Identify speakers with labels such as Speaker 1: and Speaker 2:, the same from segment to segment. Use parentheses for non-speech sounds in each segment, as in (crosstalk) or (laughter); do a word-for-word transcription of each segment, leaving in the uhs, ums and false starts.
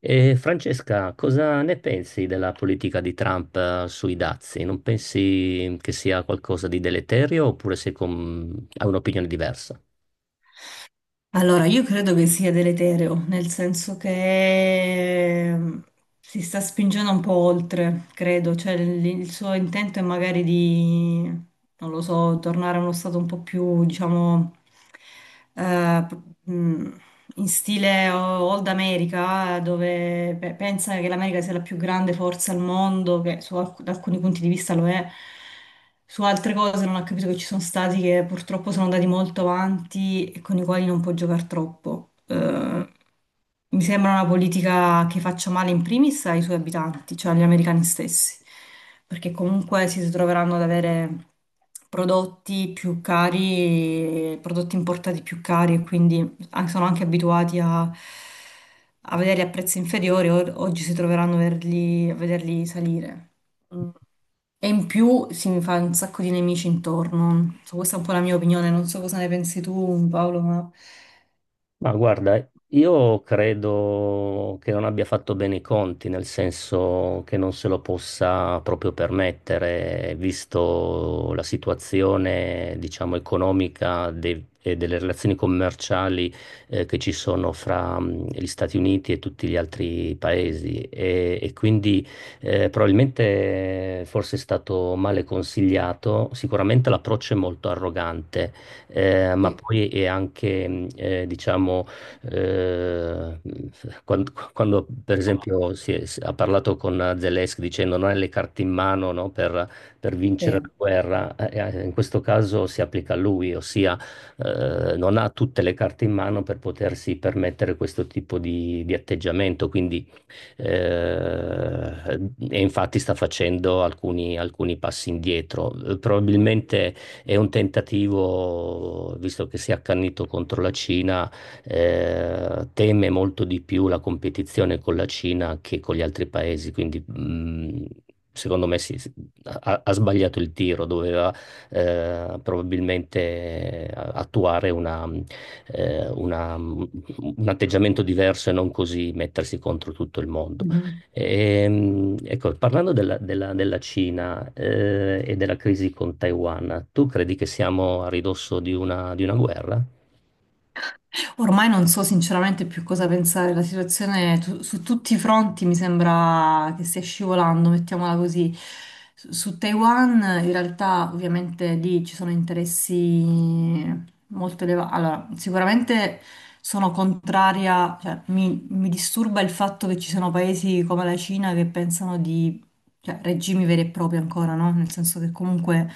Speaker 1: E Francesca, cosa ne pensi della politica di Trump, eh, sui dazi? Non pensi che sia qualcosa di deleterio, oppure sei con- hai un'opinione diversa?
Speaker 2: Allora, io credo che sia deleterio, nel senso che mm, si sta spingendo un po' oltre, credo, cioè il, il suo intento è magari di, non lo so, tornare a uno stato un po' più, diciamo, eh, p- mh, in stile o- Old America, dove pe- pensa che l'America sia la più grande forza al mondo, che su alc- da alcuni punti di vista lo è. Su altre cose non ha capito che ci sono stati che purtroppo sono andati molto avanti e con i quali non può giocare troppo. Eh, mi sembra una politica che faccia male in primis ai suoi abitanti, cioè agli americani stessi, perché comunque si troveranno ad avere prodotti più cari, prodotti importati più cari e quindi an- sono anche abituati a, a vederli a prezzi inferiori, o- oggi si troveranno a vederli, a vederli salire. Mm. E in più si mi fa un sacco di nemici intorno. So, questa è un po' la mia opinione, non so cosa ne pensi tu, Paolo, ma...
Speaker 1: Ma guarda, io credo che non abbia fatto bene i conti, nel senso che non se lo possa proprio permettere, visto la situazione, diciamo, economica dei- e delle relazioni commerciali, eh, che ci sono fra mh, gli Stati Uniti e tutti gli altri paesi. E, e quindi, eh, probabilmente eh, forse è stato male consigliato. Sicuramente l'approccio è molto arrogante, eh, ma
Speaker 2: Sì.
Speaker 1: poi è anche, mh, eh, diciamo, eh, mm, quando, quando, per esempio, si è- si- ha parlato con Zelensky dicendo: non hai le carte in mano, no, per, per vincere
Speaker 2: Sì.
Speaker 1: la guerra. Eh, eh, in questo caso si applica a lui, ossia eh, non ha tutte le carte in mano per potersi permettere questo tipo di, di atteggiamento, quindi eh, e infatti sta facendo alcuni, alcuni passi indietro. Eh, Probabilmente è un tentativo, visto che si è accannito contro la Cina. Eh, teme molto di più la competizione con la Cina che con gli altri paesi, quindi mh, secondo me si- si- ha, ha sbagliato il tiro, doveva eh, probabilmente eh, attuare una, eh, una- un atteggiamento diverso, e non così mettersi contro tutto il mondo.
Speaker 2: Mhm.
Speaker 1: Ehm, ecco, parlando della, della- della Cina, eh, e della crisi con Taiwan, tu credi che siamo a ridosso di una, di una guerra?
Speaker 2: Ormai non so sinceramente più cosa pensare, la situazione tu- su tutti i fronti mi sembra che stia scivolando, mettiamola così. Su su Taiwan in realtà ovviamente lì ci sono interessi molto elevati. Allora, sicuramente sono contraria, cioè mi, mi disturba il fatto che ci siano paesi come la Cina che pensano di cioè, regimi veri e propri ancora, no? Nel senso che comunque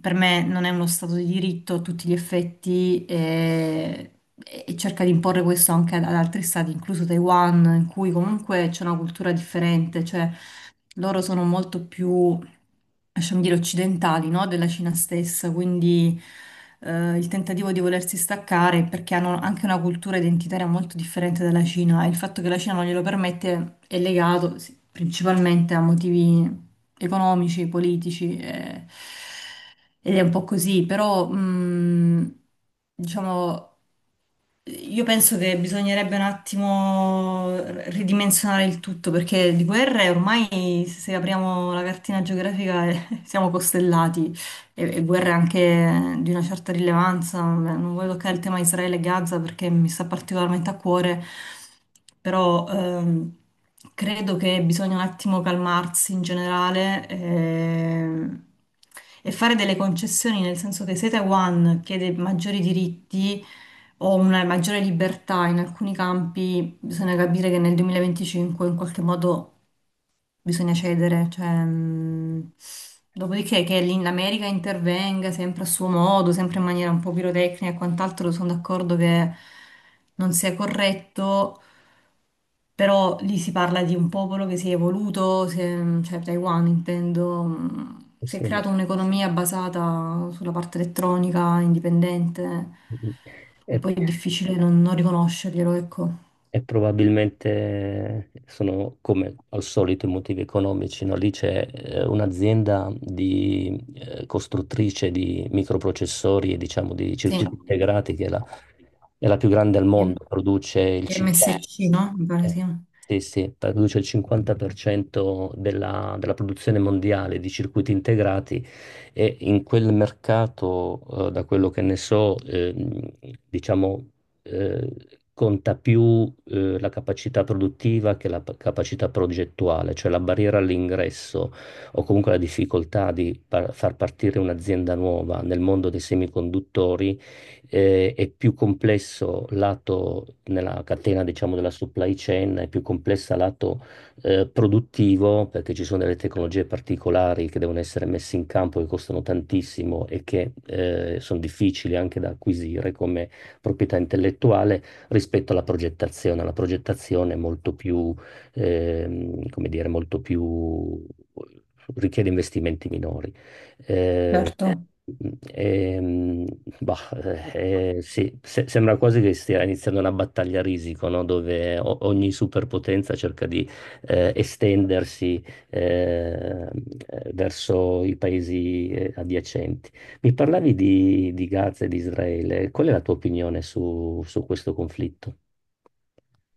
Speaker 2: per me non è uno stato di diritto a tutti gli effetti e, e cerca di imporre questo anche ad ad altri stati, incluso Taiwan, in cui comunque c'è una cultura differente, cioè loro sono molto più lasciami dire, occidentali, no? Della Cina stessa, quindi eh, il tentativo di volersi staccare perché hanno anche una cultura identitaria molto differente dalla Cina e il fatto che la Cina non glielo permette è legato sì, principalmente a motivi economici, politici eh, ed è un po' così, però mh, diciamo io penso che bisognerebbe un attimo r- ridimensionare il tutto perché di guerre ormai se apriamo la cartina geografica eh, (laughs) siamo costellati e, e guerre anche di una certa rilevanza. Vabbè, non voglio toccare il tema Israele e Gaza perché mi sta particolarmente a cuore, però ehm, credo che bisogna un attimo calmarsi in generale ehm, e fare delle concessioni, nel senso che se Taiwan chiede maggiori diritti o una maggiore libertà in alcuni campi, bisogna capire che nel duemilaventicinque in qualche modo bisogna cedere, cioè, mh, dopodiché che lì l'America intervenga sempre a suo modo, sempre in maniera un po' pirotecnica e quant'altro, sono d'accordo che non sia corretto. Però lì si parla di un popolo che si è evoluto, si è- cioè Taiwan intendo, mm, si è
Speaker 1: Sì, ma-
Speaker 2: creata un'economia basata sulla parte elettronica, indipendente,
Speaker 1: E
Speaker 2: poi è difficile non, non riconoscerglielo, ecco.
Speaker 1: E probabilmente sono come al solito i motivi economici, no? Lì c'è eh, un'azienda di eh, costruttrice di microprocessori e diciamo di
Speaker 2: Sì,
Speaker 1: circuiti integrati che è la, è la più grande al mondo, produce il cinquanta.
Speaker 2: M S C, no? Mi pare
Speaker 1: Eh,
Speaker 2: sì.
Speaker 1: Sì, sì, produce il cinquanta per cento della, della produzione mondiale di circuiti integrati, e in quel mercato, eh, da quello che ne so, ehm, diciamo, eh, conta più, eh, la capacità produttiva che la p- capacità progettuale, cioè la barriera all'ingresso o comunque la difficoltà di par- far partire un'azienda nuova nel mondo dei semiconduttori eh, è più complesso lato nella catena, diciamo, della supply chain, è più complessa lato eh, produttivo, perché ci sono delle tecnologie particolari che devono essere messe in campo, che costano tantissimo e che eh, sono difficili anche da acquisire come proprietà intellettuale rispetto alla progettazione. La progettazione è molto più, ehm, come dire, molto più richiede investimenti minori. Eh,
Speaker 2: Certo.
Speaker 1: ehm, bah, eh, sì, se- sembra quasi che stia iniziando una battaglia a risico, no? Dove o- ogni superpotenza cerca di eh, estendersi eh, verso i paesi eh, adiacenti. Mi parlavi di, di Gaza e di Israele, qual è la tua opinione su, su questo conflitto?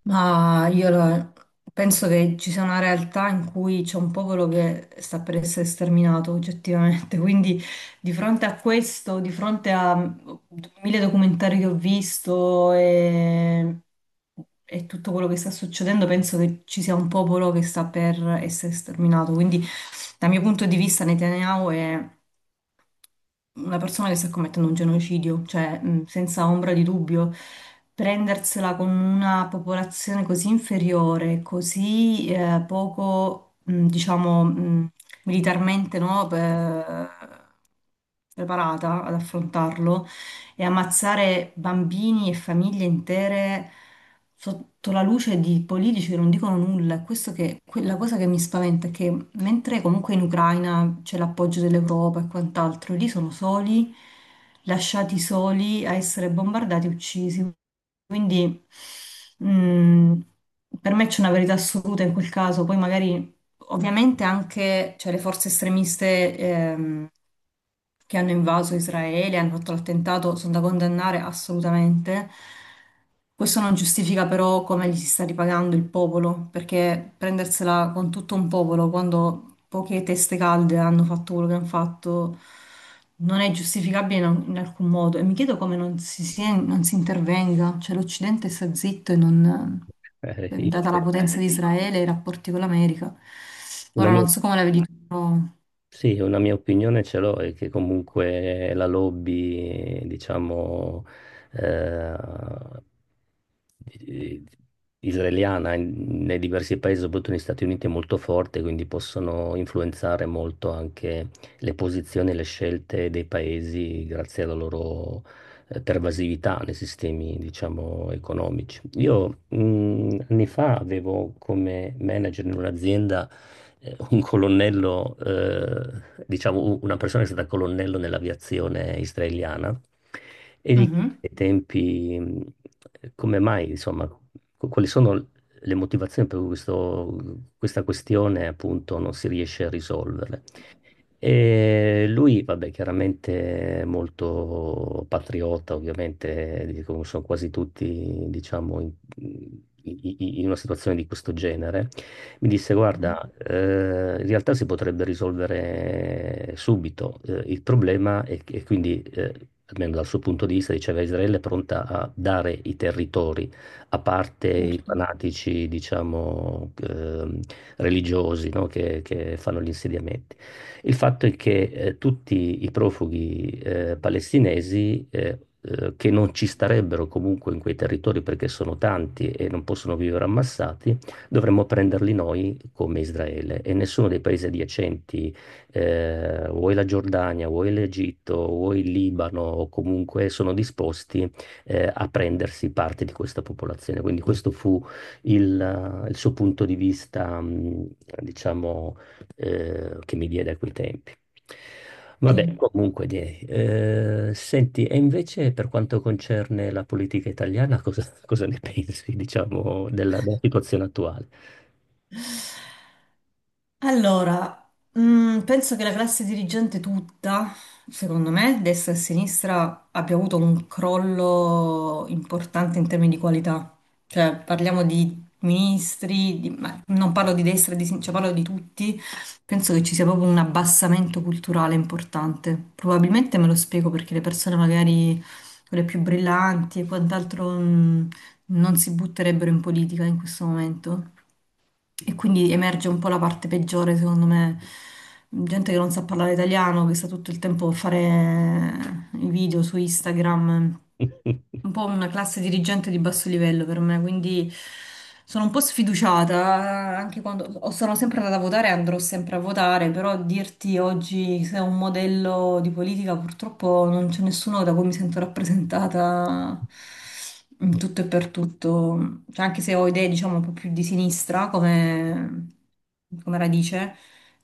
Speaker 2: Ma io lo- Penso che ci sia una realtà in cui c'è un popolo che sta per essere sterminato oggettivamente, (laughs) quindi di fronte a questo, di fronte a mm, mille documentari che ho visto e, e tutto quello che sta succedendo, penso che ci sia un popolo che sta per essere sterminato. Quindi dal mio punto di vista Netanyahu è una persona che sta commettendo un genocidio, cioè mh, senza ombra di dubbio, prendersela con una popolazione così inferiore, così eh, poco, mh, diciamo, mh, militarmente no, pe- preparata ad affrontarlo, e ammazzare bambini e famiglie intere sotto la luce di politici che non dicono nulla. È questo che, que- la cosa che mi spaventa è che mentre comunque in Ucraina c'è l'appoggio dell'Europa e quant'altro, lì sono soli, lasciati soli a essere bombardati e uccisi. Quindi mh, per me c'è una verità assoluta in quel caso, poi magari ovviamente anche cioè, le forze estremiste ehm, che hanno invaso Israele, hanno fatto l'attentato, sono da condannare assolutamente. Questo non giustifica però come gli si sta ripagando il popolo, perché prendersela con tutto un popolo quando poche teste calde hanno fatto quello che hanno fatto non è giustificabile in, in alcun modo. E mi chiedo come non si, sia- non si intervenga, cioè l'Occidente sta zitto e non
Speaker 1: Eh, io,
Speaker 2: data la potenza di Israele e i rapporti con l'America.
Speaker 1: una
Speaker 2: Ora
Speaker 1: mia
Speaker 2: non so come la vedi tu, però...
Speaker 1: Sì, una mia opinione ce l'ho, è che comunque la lobby, diciamo, eh, eh, israeliana in- nei diversi paesi, soprattutto negli Stati Uniti, è molto forte, quindi possono influenzare molto anche le posizioni e le scelte dei paesi grazie alla loro eh, pervasività nei sistemi, diciamo, economici. Io mh, anni fa avevo come manager in un'azienda eh, un colonnello, eh, diciamo u- una persona che è stata colonnello nell'aviazione israeliana, e gli chiesi
Speaker 2: Mhm,
Speaker 1: ai tempi mh, come mai, insomma, qu- quali sono le motivazioni per cui questo- questa questione appunto non si riesce a risolvere. E lui, vabbè, chiaramente molto patriota, ovviamente, di- come sono quasi tutti, diciamo, in, i- i- in una situazione di questo genere, mi disse:
Speaker 2: mhm,
Speaker 1: guarda, eh, in realtà si potrebbe risolvere subito eh, il problema, e, e quindi, eh, almeno dal suo punto di vista, diceva: Israele è pronta a dare i territori, a parte i
Speaker 2: certo,
Speaker 1: fanatici, diciamo, ehm, religiosi, no, che, che fanno gli insediamenti. Il fatto è che eh, tutti i profughi eh, palestinesi eh, eh, che non ci starebbero comunque in quei territori perché sono tanti e non possono vivere ammassati, dovremmo prenderli noi come Israele, e nessuno dei paesi adiacenti, eh, o la Giordania, o l'Egitto, o il Libano, o comunque, sono disposti eh, a prendersi parte di questa popolazione. Quindi questo fu il, il suo punto di vista, mh, diciamo, eh, che mi diede a quei tempi. Vabbè,
Speaker 2: sì.
Speaker 1: comunque, direi. Eh, senti, e invece per quanto concerne la politica italiana, cosa, cosa ne pensi, diciamo, della della situazione attuale?
Speaker 2: Allora, mm, penso che la classe dirigente tutta, secondo me, destra e sinistra, abbia avuto un crollo importante in termini di qualità. Cioè, parliamo di ministri, di- ma non parlo di destra e di sinistra, parlo di tutti. Penso che ci sia proprio un abbassamento culturale importante. Probabilmente me lo spiego perché le persone magari quelle più brillanti e quant'altro, mm, non si butterebbero in politica in questo momento. E quindi emerge un po' la parte peggiore, secondo me. Gente che non sa parlare italiano, che sta tutto il tempo a fare i video su Instagram un po' una classe dirigente di basso livello per me, quindi sono un po' sfiduciata anche quando o sono sempre andata a votare e andrò sempre a votare, però dirti oggi se è un modello di politica purtroppo non c'è nessuno da cui mi sento rappresentata in tutto e per tutto, cioè, anche se ho idee diciamo un po' più di sinistra come, come radice.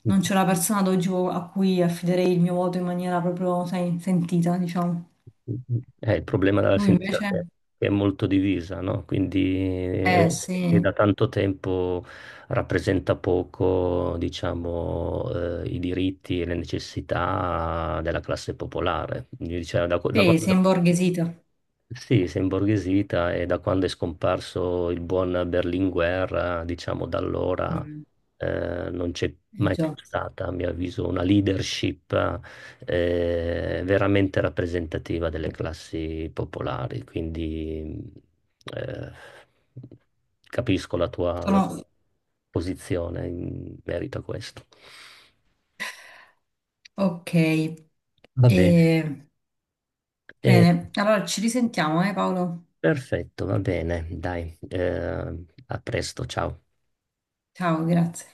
Speaker 2: Non c'è una persona ad oggi a cui affiderei il mio voto in maniera proprio, sai, sentita, diciamo.
Speaker 1: Eh, il problema della
Speaker 2: Tu
Speaker 1: sinistra è
Speaker 2: invece?
Speaker 1: che che è molto divisa, no? Quindi
Speaker 2: Eh
Speaker 1: eh, e
Speaker 2: sì,
Speaker 1: da tanto tempo rappresenta poco, diciamo, eh, i diritti e le necessità della classe popolare. Quindi, diciamo, da, qua- da
Speaker 2: sì, si è
Speaker 1: quando,
Speaker 2: imborghesito.
Speaker 1: sì, si è imborghesita, e da quando è scomparso il buon Berlinguer, diciamo da allora
Speaker 2: Mm,
Speaker 1: eh, non c'è
Speaker 2: eh
Speaker 1: mai più
Speaker 2: già.
Speaker 1: stata, a mio avviso, una leadership eh, veramente rappresentativa delle classi popolari. Quindi eh, capisco la tua, la
Speaker 2: Sono...
Speaker 1: tua posizione in merito a questo.
Speaker 2: Ok,
Speaker 1: Va bene.
Speaker 2: E-
Speaker 1: Eh,
Speaker 2: bene, allora ci risentiamo, eh Paolo?
Speaker 1: perfetto, va bene, dai, eh, a presto, ciao.
Speaker 2: Ciao, grazie.